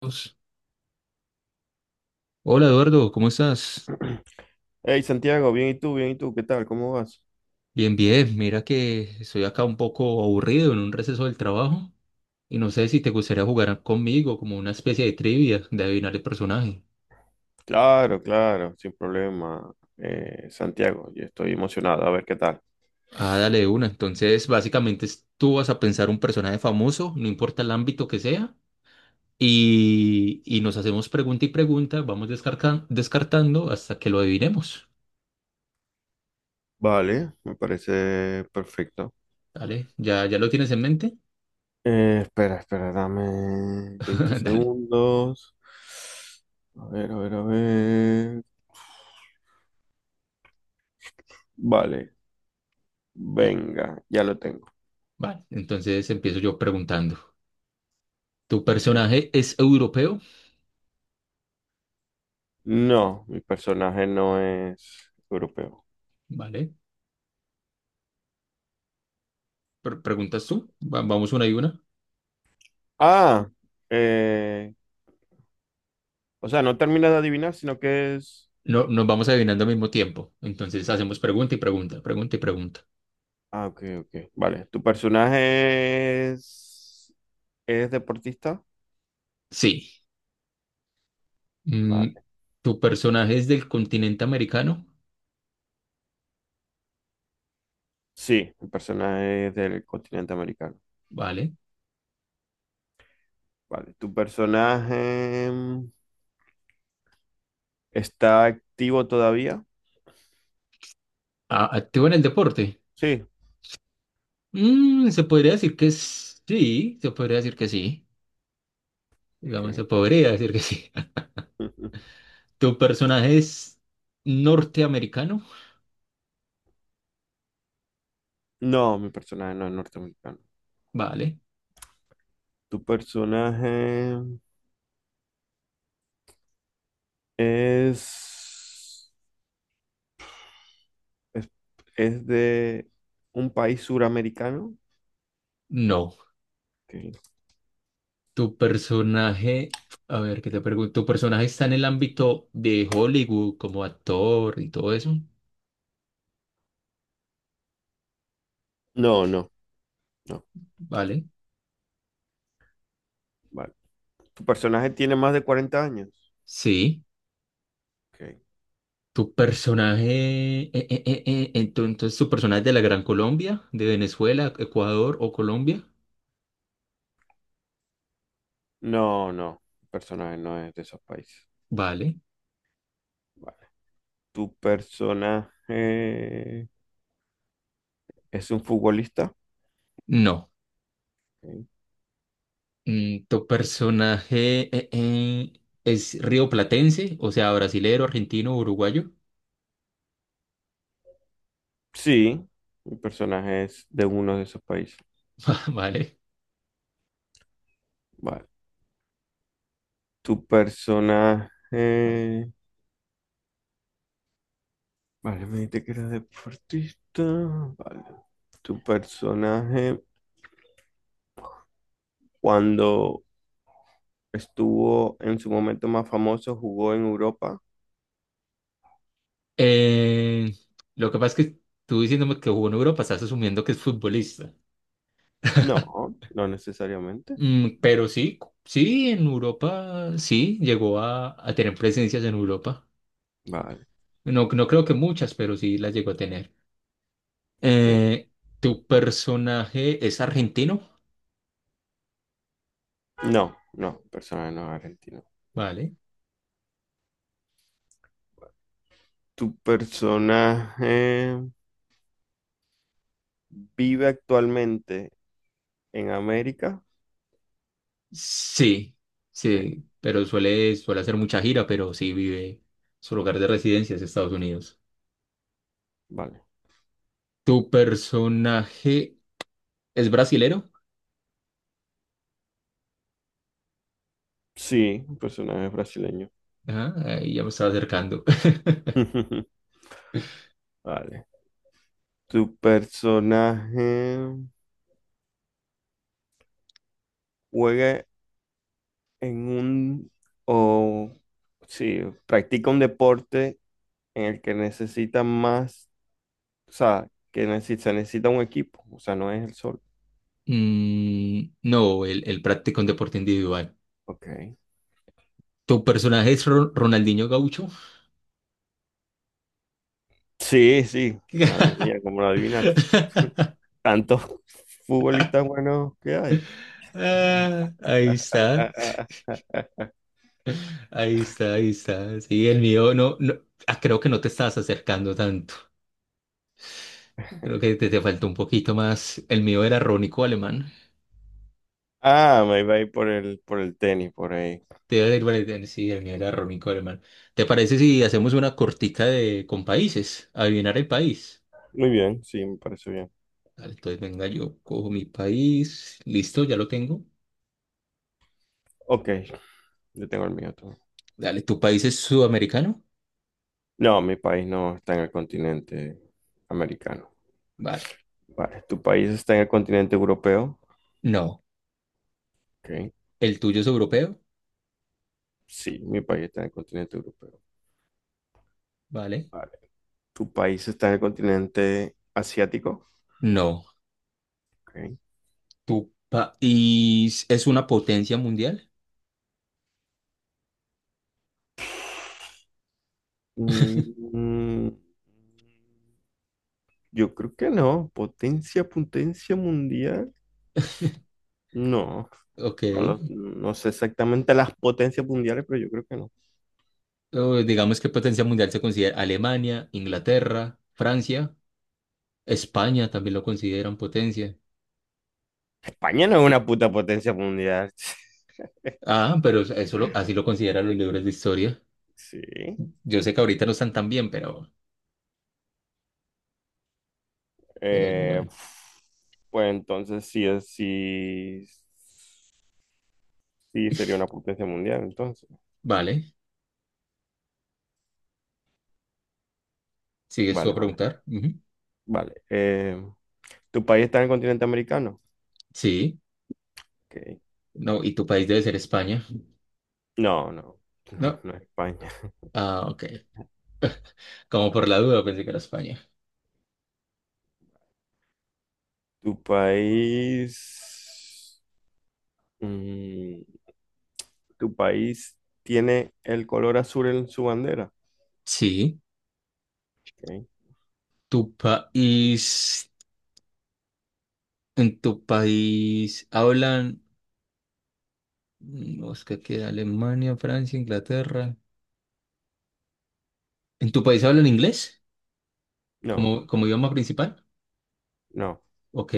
Dios. Hola Eduardo, ¿cómo estás? Hey Santiago, bien y tú, ¿qué tal? ¿Cómo vas? Bien, bien. Mira que estoy acá un poco aburrido en un receso del trabajo y no sé si te gustaría jugar conmigo como una especie de trivia de adivinar el personaje. Claro, claro, sin problema, Santiago, yo estoy emocionado, a ver qué tal. Ah, dale de una. Entonces, básicamente tú vas a pensar un personaje famoso, no importa el ámbito que sea, y nos hacemos pregunta y pregunta, vamos descartando hasta que lo adivinemos. Vale, me parece perfecto. Dale, ¿ya lo tienes en mente? Espera, espera, dame 20 Dale. segundos. A ver, a ver, a ver. Vale, Y- venga, ya lo tengo. Vale, entonces empiezo yo preguntando. ¿Tu Ok. personaje es europeo? No, mi personaje no es europeo. Vale. ¿Preguntas tú? Vamos una y una. Ah, eh, o sea, no terminas de adivinar, sino que es... No, nos vamos adivinando al mismo tiempo. Entonces hacemos pregunta y pregunta, pregunta y pregunta. Ah, ok, ok. Vale. ¿Tu personaje es deportista? Sí. Mm, Vale. ¿tu personaje es del continente americano? Sí, mi personaje es del continente americano. Vale. Vale. ¿Tu personaje está activo todavía? ¿Activo en el deporte? Sí. Mm, se podría decir que sí. Se podría decir que sí. Digamos, se Ok. podría decir que sí. ¿Tu personaje es norteamericano? No, mi personaje no es norteamericano. Vale. ¿Tu personaje es, es, es de un país suramericano? No. Ok. Tu personaje, a ver, ¿qué te pregunto? ¿Tu personaje está en el ámbito de Hollywood como actor y todo eso? No, no, no. ¿Vale? Vale. ¿Tu personaje tiene más de 40 años? Sí. Ok. ¿Tu personaje, entonces tu personaje es de la Gran Colombia, de Venezuela, Ecuador o Colombia? No, no. El personaje no es de esos países. ¿Vale? Vale. ¿Tu personaje es un futbolista? No. Ok. Mm, ¿tu personaje es rioplatense, o sea, brasilero, argentino, uruguayo? Sí, mi personaje es de uno de esos países. ¿Vale? Vale. ¿Tu personaje... Vale, me dijiste que era deportista. Vale. ¿Tu personaje cuando estuvo en su momento más famoso jugó en Europa? Eh, lo que pasa es que tú diciéndome que jugó en Europa, estás asumiendo que es futbolista. No, no necesariamente. Mm, pero sí, sí, en Europa, sí, llegó a tener presencias en Europa. Vale. No, no creo que muchas, pero sí las llegó a tener. Ok. Eh, ¿Tu personaje es argentino? No, no, personaje no es argentino. Vale. ¿Tu personaje vive actualmente en América? Sí, Ok, sí, pero suele, suele hacer mucha gira, pero sí vive, su lugar de residencia es Estados Unidos. vale. ¿Tu personaje es brasilero? Sí, un personaje brasileño. Ah, ahí ya me estaba acercando. Vale. ¿Tu personaje juega en un o sí, practica un deporte en el que necesita más, o sea, que necesita, necesita un equipo, o sea, no es el sol. Mm, no, él practica un deporte individual. Ok. ¿Tu personaje es Ronaldinho Gaucho? Sí, sí, madre mía, como lo adivinaste. Tantos futbolistas buenos que hay. Ah, ahí está, ahí está, ahí está. Sí, el mío no, no, ah, creo que no te estás acercando tanto. Creo que te faltó un poquito más. El mío era Rónico Alemán. Ah, me iba a ir por el tenis, por ahí. Te iba a decir, vale, sí, el mío era Rónico Alemán. ¿Te parece si hacemos una cortica de con países? Adivinar el país. Muy bien, sí, me parece bien. Dale, entonces venga, yo cojo mi país. Listo, ya lo tengo. Ok, yo tengo el mío todo. Dale, ¿tu país es sudamericano? No, mi país no está en el continente americano. Vale. Vale, ¿tu país está en el continente europeo? No. Ok, ¿El tuyo es europeo? sí, mi país está en el continente europeo. ¿Vale? Vale. ¿Tu país está en el continente asiático? No. Ok. ¿Tu país es una potencia mundial? Mm, yo creo que no. Potencia, potencia mundial. No. Ok. No, lo- no sé exactamente las potencias mundiales, pero yo creo que no. O digamos que potencia mundial se considera Alemania, Inglaterra, Francia, España también lo consideran potencia. España no es una puta potencia mundial. Ah, pero así lo consideran los libros de historia. Sí. Yo sé que ahorita no están tan bien, pero Eh, bueno. pues entonces sí, es- sí, sí sería una potencia mundial, entonces. Vale, sigues tú a Vale, vale, preguntar. Ujú. vale. ¿Tu país está en el continente americano? Sí, Ok. no, y tu país debe ser España. No, no, no, No. no es España. Ah, ok. Como por la duda pensé que era España. ¿Tu país... mm, ¿tu país tiene el color azul en su bandera? Sí, Ok. tu país ¿En tu país hablan, mm, Oscar, que Alemania, Francia, Inglaterra? ¿En tu país hablan inglés No, como, como idioma principal? no, Ok.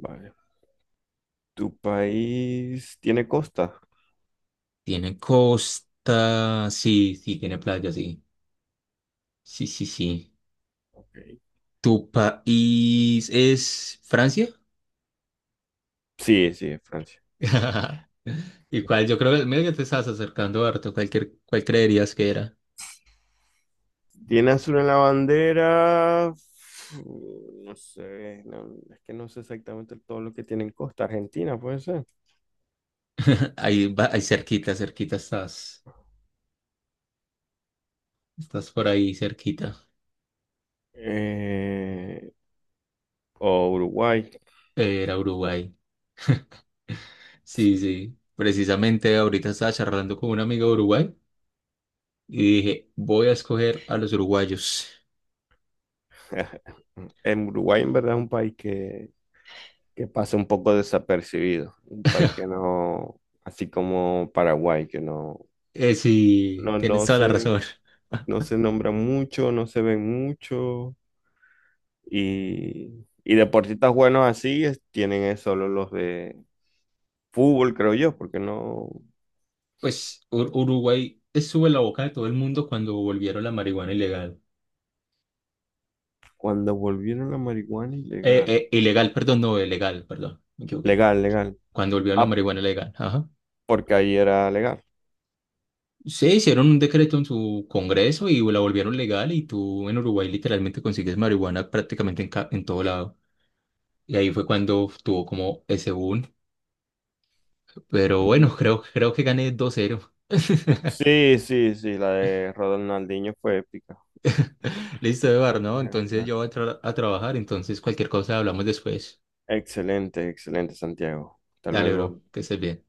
vale. ¿Tu país tiene costa? Tiene costa, sí, sí, tiene playa, sí. Sí, sí, sí. Ok. ¿Tu país es Francia? Sí, sí, es Francia. ¿Y cuál? Yo creo que medio que te estás acercando, harto. Cualquier, ¿cuál creerías que era? ¿Tiene azul en la bandera? Mm, no sé, no, es que no sé exactamente todo lo que tiene en costa. Argentina, puede ser. Ahí, ahí cerquita, cerquita estás. Estás por ahí cerquita. Eh, o Uruguay. Era Uruguay. Sí, sí. Precisamente ahorita estaba charlando con un amigo de Uruguay y dije, voy a escoger a los uruguayos. En Uruguay en verdad es un país que pasa un poco desapercibido, un país que no, así como Paraguay, que no, Sí, no, tienes no toda la se, razón. no se nombra mucho, no se ven mucho y deportistas buenos así es- tienen es solo los de fútbol, creo yo, porque no, Pues Uruguay estuvo en la boca de todo el mundo cuando volvieron la marihuana ilegal. cuando volvieron la marihuana ilegal, Ilegal, perdón, no, legal, perdón, me equivoqué. legal, legal, Cuando volvieron la ah, marihuana legal, ajá. porque ahí era legal. Sí, hicieron un decreto en su congreso y la volvieron legal y tú en Uruguay literalmente consigues marihuana prácticamente en, en todo lado. Y ahí fue cuando tuvo como ese boom. Pero bueno, creo, creo que gané 2-0. Sí, sí, sí, la de Ronaldinho fue épica. Listo, Eduardo, ¿no? Entonces yo voy a, a trabajar, entonces cualquier cosa hablamos después. Excelente, excelente, Santiago. Hasta Dale, bro, luego. que estés bien.